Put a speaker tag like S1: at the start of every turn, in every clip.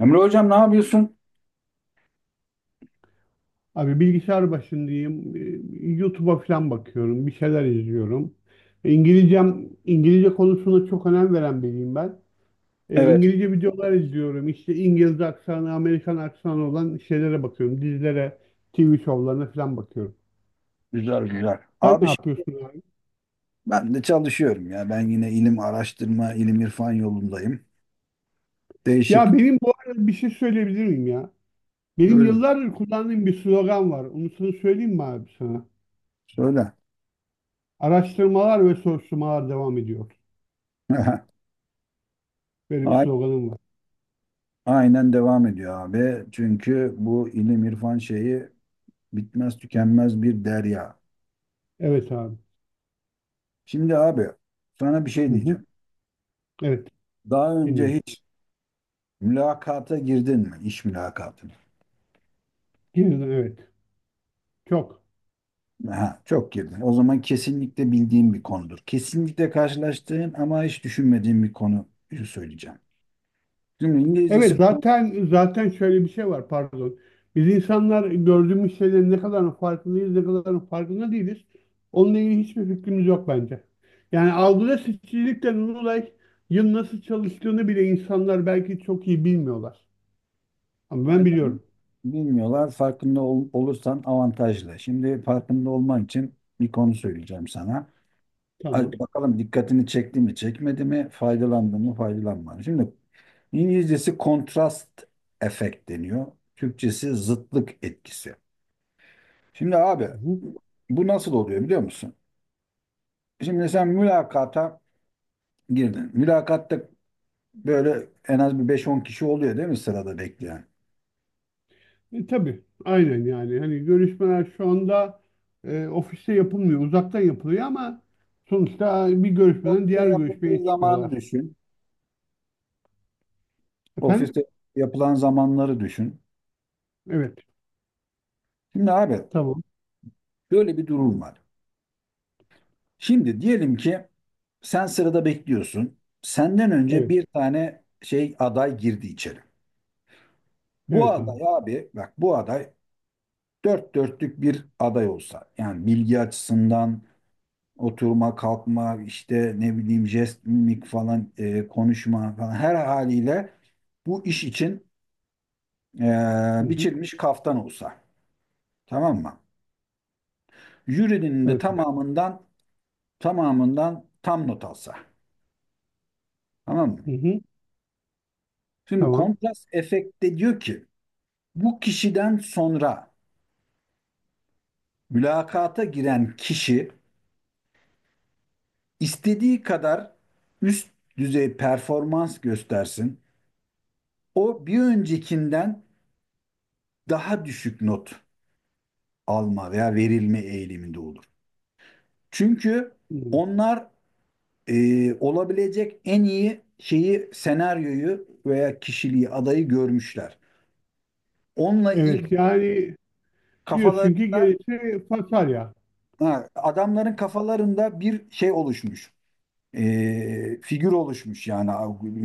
S1: Emre hocam ne yapıyorsun?
S2: Abi bilgisayar başındayım. YouTube'a falan bakıyorum. Bir şeyler izliyorum. İngilizcem, İngilizce konusuna çok önem veren biriyim ben.
S1: Evet,
S2: İngilizce videolar izliyorum. İşte İngiliz aksanı, Amerikan aksanı olan şeylere bakıyorum. Dizilere, TV şovlarına falan bakıyorum.
S1: güzel güzel.
S2: Sen
S1: Abi
S2: ne yapıyorsun abi?
S1: ben de çalışıyorum ya. Ben yine ilim araştırma, ilim irfan yolundayım. Değişik.
S2: Ya benim bu arada bir şey söyleyebilir miyim ya? Benim
S1: Söyle.
S2: yıllardır kullandığım bir slogan var. Onu sana söyleyeyim mi abi sana?
S1: Söyle.
S2: Araştırmalar ve soruşturmalar devam ediyor. Böyle bir
S1: A-
S2: sloganım var.
S1: Aynen devam ediyor abi. Çünkü bu ilim irfan şeyi bitmez tükenmez bir derya.
S2: Evet abi.
S1: Şimdi abi sana bir şey
S2: Hı hı.
S1: diyeceğim.
S2: Evet.
S1: Daha önce
S2: Dinliyorum.
S1: hiç mülakata girdin mi? İş mülakatı.
S2: Yeniden, evet. Çok.
S1: Aha, çok girdi. O zaman kesinlikle bildiğim bir konudur. Kesinlikle karşılaştığım ama hiç düşünmediğim bir konuyu söyleyeceğim. Şimdi
S2: Evet
S1: İngilizcesi
S2: zaten şöyle bir şey var pardon. Biz insanlar gördüğümüz şeylerin ne kadarının farkındayız, ne kadarının farkında değiliz. Onunla ilgili hiçbir fikrimiz yok bence. Yani algıda seçicilikle olay yıl nasıl çalıştığını bile insanlar belki çok iyi bilmiyorlar. Ama ben
S1: aynen
S2: biliyorum.
S1: bilmiyorlar. Farkında olursan avantajlı. Şimdi farkında olman için bir konu söyleyeceğim sana.
S2: Tamam.
S1: Hadi bakalım dikkatini çekti mi, çekmedi mi, faydalandı mı, faydalanmadı mı? Şimdi İngilizcesi kontrast efekt deniyor. Türkçesi zıtlık etkisi. Şimdi abi
S2: Hı hı.
S1: bu nasıl oluyor biliyor musun? Şimdi sen mülakata girdin. Mülakatta böyle en az bir beş on kişi oluyor, değil mi, sırada bekleyen?
S2: E, tabii. Aynen yani. Hani görüşmeler şu anda ofiste yapılmıyor. Uzaktan yapılıyor ama sonuçta bir görüşmeden
S1: Ofiste
S2: diğer
S1: yapıldığı
S2: görüşmeye
S1: zamanı
S2: çıkıyorlar.
S1: düşün.
S2: Efendim?
S1: Ofiste yapılan zamanları düşün.
S2: Evet.
S1: Şimdi abi
S2: Tamam.
S1: böyle bir durum var. Şimdi diyelim ki sen sırada bekliyorsun. Senden önce
S2: Evet.
S1: bir tane şey aday girdi içeri. Bu
S2: Evet
S1: aday,
S2: abi.
S1: abi bak, bu aday dört dörtlük bir aday olsa, yani bilgi açısından oturma, kalkma, işte ne bileyim jest, mimik falan, konuşma falan, her haliyle bu iş için
S2: Hı hı.
S1: biçilmiş kaftan olsa. Tamam mı? Jürinin de
S2: Evet abi.
S1: tamamından tam not alsa. Tamam mı?
S2: Hı hı.
S1: Şimdi
S2: Tamam.
S1: kontrast efekte diyor ki bu kişiden sonra mülakata giren kişi istediği kadar üst düzey performans göstersin. O bir öncekinden daha düşük not alma veya verilme eğiliminde olur. Çünkü
S2: Hı.
S1: onlar olabilecek en iyi şeyi, senaryoyu veya kişiliği, adayı görmüşler. Onunla
S2: Evet.
S1: ilgili
S2: Yani
S1: kafalar,
S2: diyorsun ki gerisi fasulye.
S1: ha, adamların kafalarında bir şey oluşmuş. E, figür oluşmuş, yani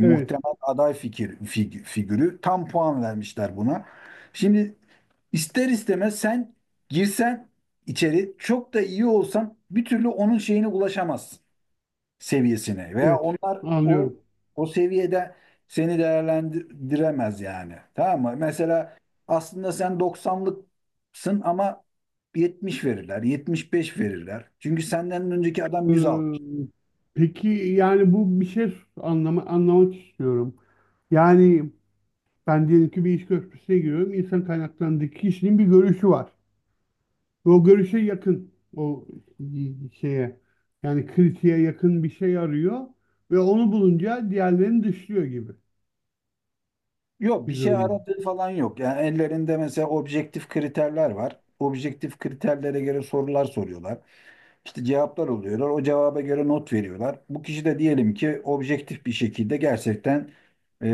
S2: Evet.
S1: aday fikir figürü tam puan vermişler buna. Şimdi ister istemez sen girsen içeri, çok da iyi olsan, bir türlü onun şeyine ulaşamazsın, seviyesine. Veya
S2: Evet.
S1: onlar
S2: Anlıyorum.
S1: o seviyede seni değerlendiremez yani. Tamam mı? Mesela aslında sen doksanlıksın ama 70 verirler, 75 verirler. Çünkü senden önceki adam 100
S2: Ee,
S1: almış.
S2: peki yani bu bir şey anlama, anlamak istiyorum. Yani ben diyelim ki bir iş görüşmesine giriyorum. İnsan kaynaklarındaki kişinin bir görüşü var. Ve o görüşe yakın. O şeye yani kritiğe yakın bir şey arıyor. Ve onu bulunca diğerlerini dışlıyor gibi
S1: Yok, bir
S2: bir
S1: şey
S2: durum.
S1: aradığı falan yok. Yani ellerinde mesela objektif kriterler var. Objektif kriterlere göre sorular soruyorlar. İşte cevaplar oluyorlar. O cevaba göre not veriyorlar. Bu kişi de diyelim ki objektif bir şekilde gerçekten e,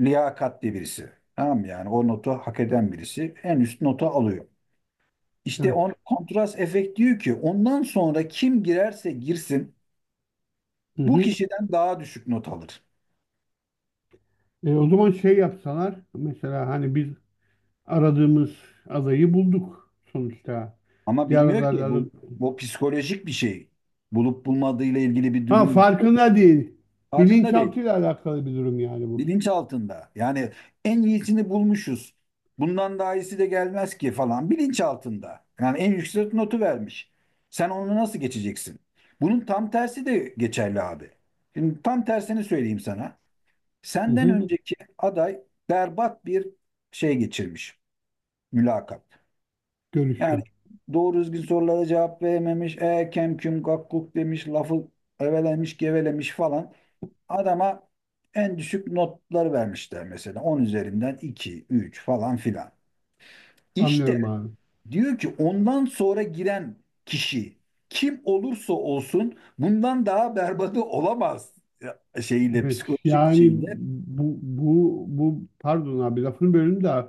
S1: liyakatli birisi. Tamam mı? Yani o notu hak eden birisi en üst notu alıyor. İşte
S2: Evet.
S1: on kontrast efekt diyor ki ondan sonra kim girerse girsin
S2: Hı
S1: bu
S2: hı.
S1: kişiden daha düşük not alır.
S2: E, o zaman şey yapsalar mesela hani biz aradığımız adayı bulduk sonuçta.
S1: Ama
S2: Diğer
S1: bilmiyor ki
S2: adaylarla
S1: bu bu psikolojik bir şey. Bulup bulmadığıyla ilgili bir
S2: ha
S1: durum yok.
S2: farkında değil.
S1: Farkında değil.
S2: Bilinçaltıyla alakalı bir durum yani bu.
S1: Bilinç altında. Yani en iyisini bulmuşuz. Bundan daha iyisi de gelmez ki falan. Bilinç altında. Yani en yüksek notu vermiş. Sen onu nasıl geçeceksin? Bunun tam tersi de geçerli abi. Şimdi tam tersini söyleyeyim sana.
S2: Hı
S1: Senden
S2: hı.
S1: önceki aday berbat bir şey geçirmiş. Mülakat. Yani
S2: Görüşme.
S1: doğru düzgün sorulara cevap verememiş. E, kem küm kakkuk demiş. Lafı evelemiş gevelemiş falan. Adama en düşük notları vermişler, mesela 10 üzerinden 2 3 falan filan. İşte
S2: Anlıyorum abi.
S1: diyor ki ondan sonra giren kişi kim olursa olsun bundan daha berbatı olamaz. Ya, şeyiyle,
S2: Evet
S1: psikolojik
S2: yani
S1: şeyle.
S2: bu pardon abi lafını bölüm de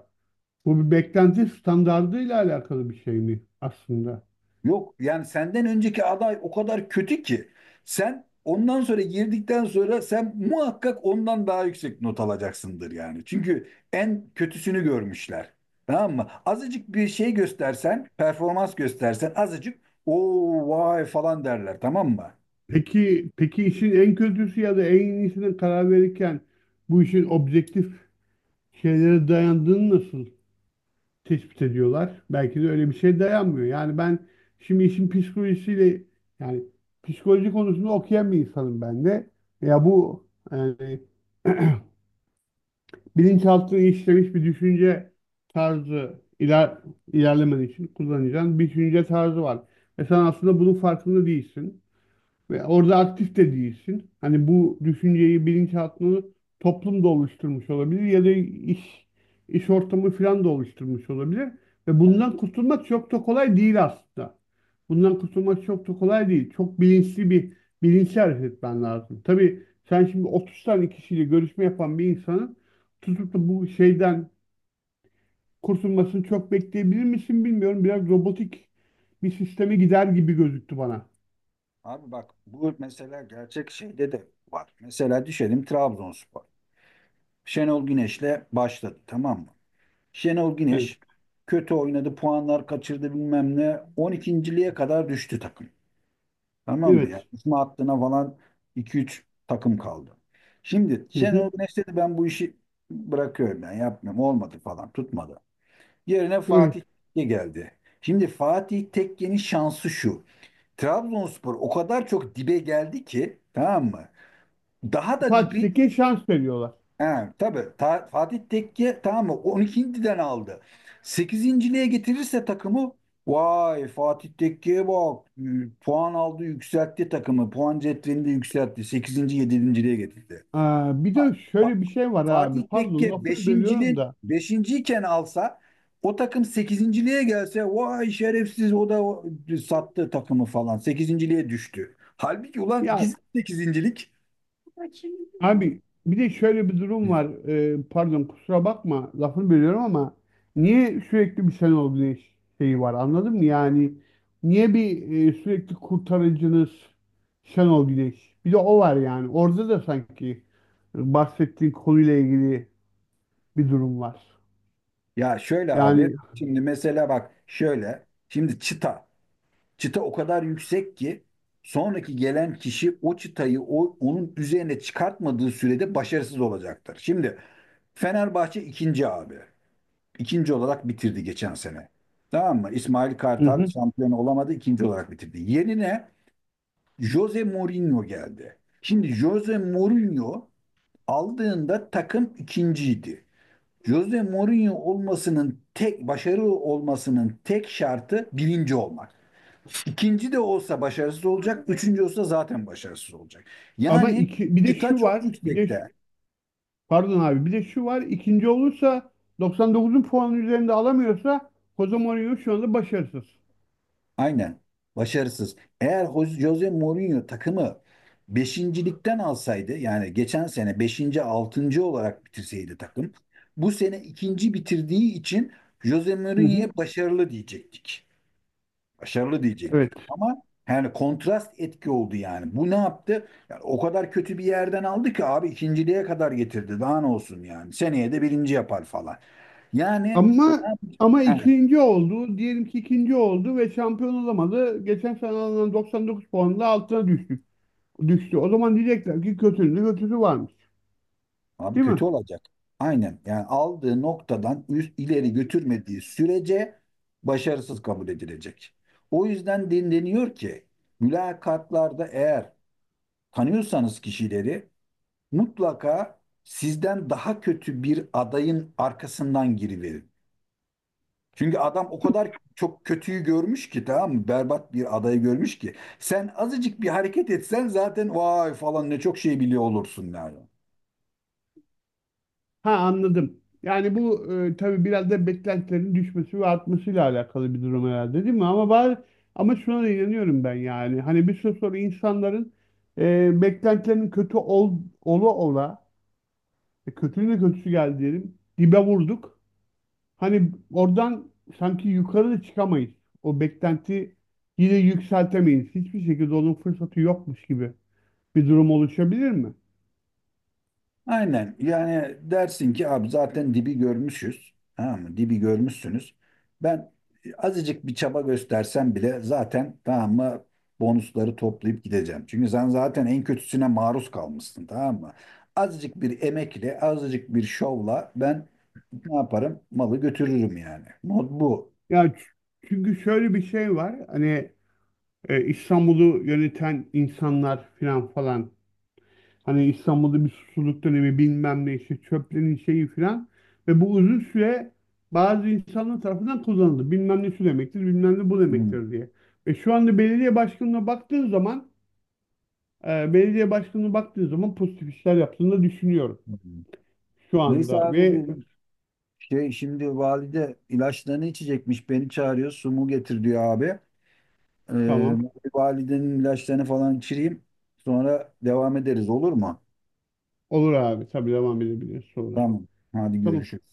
S2: bu bir beklenti standardıyla alakalı bir şey mi aslında?
S1: Yok yani, senden önceki aday o kadar kötü ki sen ondan sonra girdikten sonra sen muhakkak ondan daha yüksek not alacaksındır yani. Çünkü en kötüsünü görmüşler. Tamam mı? Azıcık bir şey göstersen, performans göstersen azıcık, o vay falan derler, tamam mı?
S2: Peki peki işin en kötüsü ya da en iyisine karar verirken bu işin objektif şeylere dayandığını nasıl tespit ediyorlar? Belki de öyle bir şey dayanmıyor. Yani ben şimdi işin psikolojisiyle yani psikoloji konusunu okuyan bir insanım ben de. Ya bu yani bilinçaltına işlemiş bir düşünce tarzı iler, ilerlemen için kullanacağın bir düşünce tarzı var. Ve sen aslında bunun farkında değilsin. Ve orada aktif de değilsin. Hani bu düşünceyi, bilinçaltını toplum da oluşturmuş olabilir ya da iş ortamı falan da oluşturmuş olabilir. Ve bundan kurtulmak çok da kolay değil aslında. Bundan kurtulmak çok da kolay değil. Çok bilinçli bir bilinçli hareket etmen lazım. Tabii sen şimdi 30 tane kişiyle görüşme yapan bir insanın tutup da bu şeyden kurtulmasını çok bekleyebilir misin bilmiyorum. Biraz robotik bir sisteme gider gibi gözüktü bana.
S1: Abi bak, bu mesela gerçek şeyde de var. Mesela düşelim Trabzonspor. Şenol Güneş'le başladı, tamam mı? Şenol
S2: Evet.
S1: Güneş kötü oynadı, puanlar kaçırdı bilmem ne. 12.liğe kadar düştü takım. Tamam mı ya?
S2: Evet.
S1: İsmi hattına falan iki üç takım kaldı. Şimdi
S2: Hı hı.
S1: Şenol Güneş dedi ben bu işi bırakıyorum, ben yapmıyorum. Olmadı falan, tutmadı. Yerine
S2: Evet.
S1: Fatih Tekke geldi. Şimdi Fatih Tekke'nin şansı şu. Trabzonspor o kadar çok dibe geldi ki, tamam mı? Daha da
S2: Fatih
S1: dibe.
S2: Tekke şans veriyorlar.
S1: Ha, tabii Fatih Tekke, tamam mı, 12.den aldı. 8.liğe getirirse takımı, vay Fatih Tekke'ye bak, puan aldı, yükseltti takımı, puan cetvelinde yükseltti, 8. 7.liğe getirdi.
S2: Aa, bir de
S1: Fa-
S2: şöyle bir şey var abi.
S1: Fatih
S2: Pardon
S1: Tekke
S2: lafını bölüyorum
S1: 5.liğin
S2: da.
S1: beşinciyken alsa, o takım 8.liğe gelse, vay şerefsiz, o da sattı takımı falan, 8.liğe düştü. Halbuki ulan
S2: Ya
S1: ikisi de sekizincilik.
S2: abi bir de şöyle bir durum var. Pardon kusura bakma lafını bölüyorum ama niye sürekli bir Şenol Güneş şeyi var anladın mı? Yani niye bir sürekli kurtarıcınız Şenol Güneş? Bir de o var yani. Orada da sanki bahsettiğin konuyla ilgili bir durum var.
S1: Ya şöyle abi,
S2: Yani
S1: şimdi mesela bak şöyle, şimdi çıta, çıta o kadar yüksek ki sonraki gelen kişi o çıtayı, o, onun üzerine çıkartmadığı sürede başarısız olacaktır. Şimdi Fenerbahçe ikinci abi, ikinci olarak bitirdi geçen sene. Tamam mı? İsmail
S2: hı
S1: Kartal
S2: hı.
S1: şampiyon olamadı, ikinci olarak bitirdi. Yerine Jose Mourinho geldi. Şimdi Jose Mourinho aldığında takım ikinciydi. Jose Mourinho olmasının tek, başarılı olmasının tek şartı birinci olmak. İkinci de olsa başarısız olacak, üçüncü olsa zaten başarısız olacak.
S2: Ama
S1: Yani
S2: iki, bir de
S1: çıta
S2: şu
S1: çok
S2: var. Bir de
S1: yüksekte.
S2: pardon abi. Bir de şu var. İkinci olursa 99'un puanı üzerinde alamıyorsa Jose Mourinho şu anda başarısız.
S1: Aynen. Başarısız. Eğer Jose Mourinho takımı beşincilikten alsaydı, yani geçen sene beşinci, altıncı olarak bitirseydi takım, bu sene ikinci bitirdiği için Jose
S2: Hı
S1: Mourinho'ya
S2: hı.
S1: başarılı diyecektik. Başarılı
S2: Evet.
S1: diyecektik. Ama yani kontrast etki oldu yani. Bu ne yaptı? Yani o kadar kötü bir yerden aldı ki abi, ikinciliğe kadar getirdi. Daha ne olsun yani. Seneye de birinci yapar falan. Yani ne
S2: Ama
S1: yapacak?
S2: ama
S1: Evet,
S2: ikinci oldu. Diyelim ki ikinci oldu ve şampiyon olamadı. Geçen sene alınan 99 puanla altına düştük. Düştü. O zaman diyecekler ki kötünün de kötüsü varmış.
S1: abi
S2: Değil mi?
S1: kötü olacak. Aynen. Yani aldığı noktadan üst, ileri götürmediği sürece başarısız kabul edilecek. O yüzden deniyor ki mülakatlarda, eğer tanıyorsanız kişileri, mutlaka sizden daha kötü bir adayın arkasından giriverin. Çünkü adam o kadar çok kötüyü görmüş ki, tamam mı? Berbat bir adayı görmüş ki, sen azıcık bir hareket etsen zaten vay falan, ne çok şey biliyor olursun yani.
S2: Ha anladım. Yani bu tabii biraz da beklentilerin düşmesi ve artmasıyla alakalı bir durum herhalde değil mi? Ama bari, ama şuna da inanıyorum ben yani. Hani bir süre sonra insanların beklentilerinin kötü ol, ola ola, kötünün de kötüsü geldi diyelim, dibe vurduk. Hani oradan sanki yukarı da çıkamayız. O beklenti yine yükseltemeyiz. Hiçbir şekilde onun fırsatı yokmuş gibi bir durum oluşabilir mi?
S1: Aynen. Yani dersin ki abi zaten dibi görmüşüz. Tamam mı? Dibi görmüşsünüz. Ben azıcık bir çaba göstersem bile zaten, tamam mı, bonusları toplayıp gideceğim. Çünkü sen zaten en kötüsüne maruz kalmışsın, tamam mı? Azıcık bir emekle, azıcık bir şovla ben ne yaparım? Malı götürürüm yani. Mod bu.
S2: Ya ç- çünkü şöyle bir şey var. Hani İstanbul'u yöneten insanlar filan falan. Hani İstanbul'da bir susuzluk dönemi bilmem ne işte çöplerin şeyi filan. Ve bu uzun süre bazı insanlar tarafından kullanıldı. Bilmem ne şu demektir, bilmem ne bu
S1: Hmm.
S2: demektir diye. Ve şu anda belediye başkanına baktığın zaman belediye başkanına baktığın zaman pozitif işler yaptığını da düşünüyorum
S1: Hmm.
S2: şu
S1: Neyse
S2: anda.
S1: abi,
S2: Ve
S1: bir şey şimdi, valide ilaçlarını içecekmiş. Beni çağırıyor. Su mu getir diyor abi.
S2: tamam
S1: Ee, validenin ilaçlarını falan içireyim. Sonra devam ederiz, olur mu?
S2: olur abi tabii devam edebiliriz sonra.
S1: Tamam. Hadi
S2: Tamam.
S1: görüşürüz.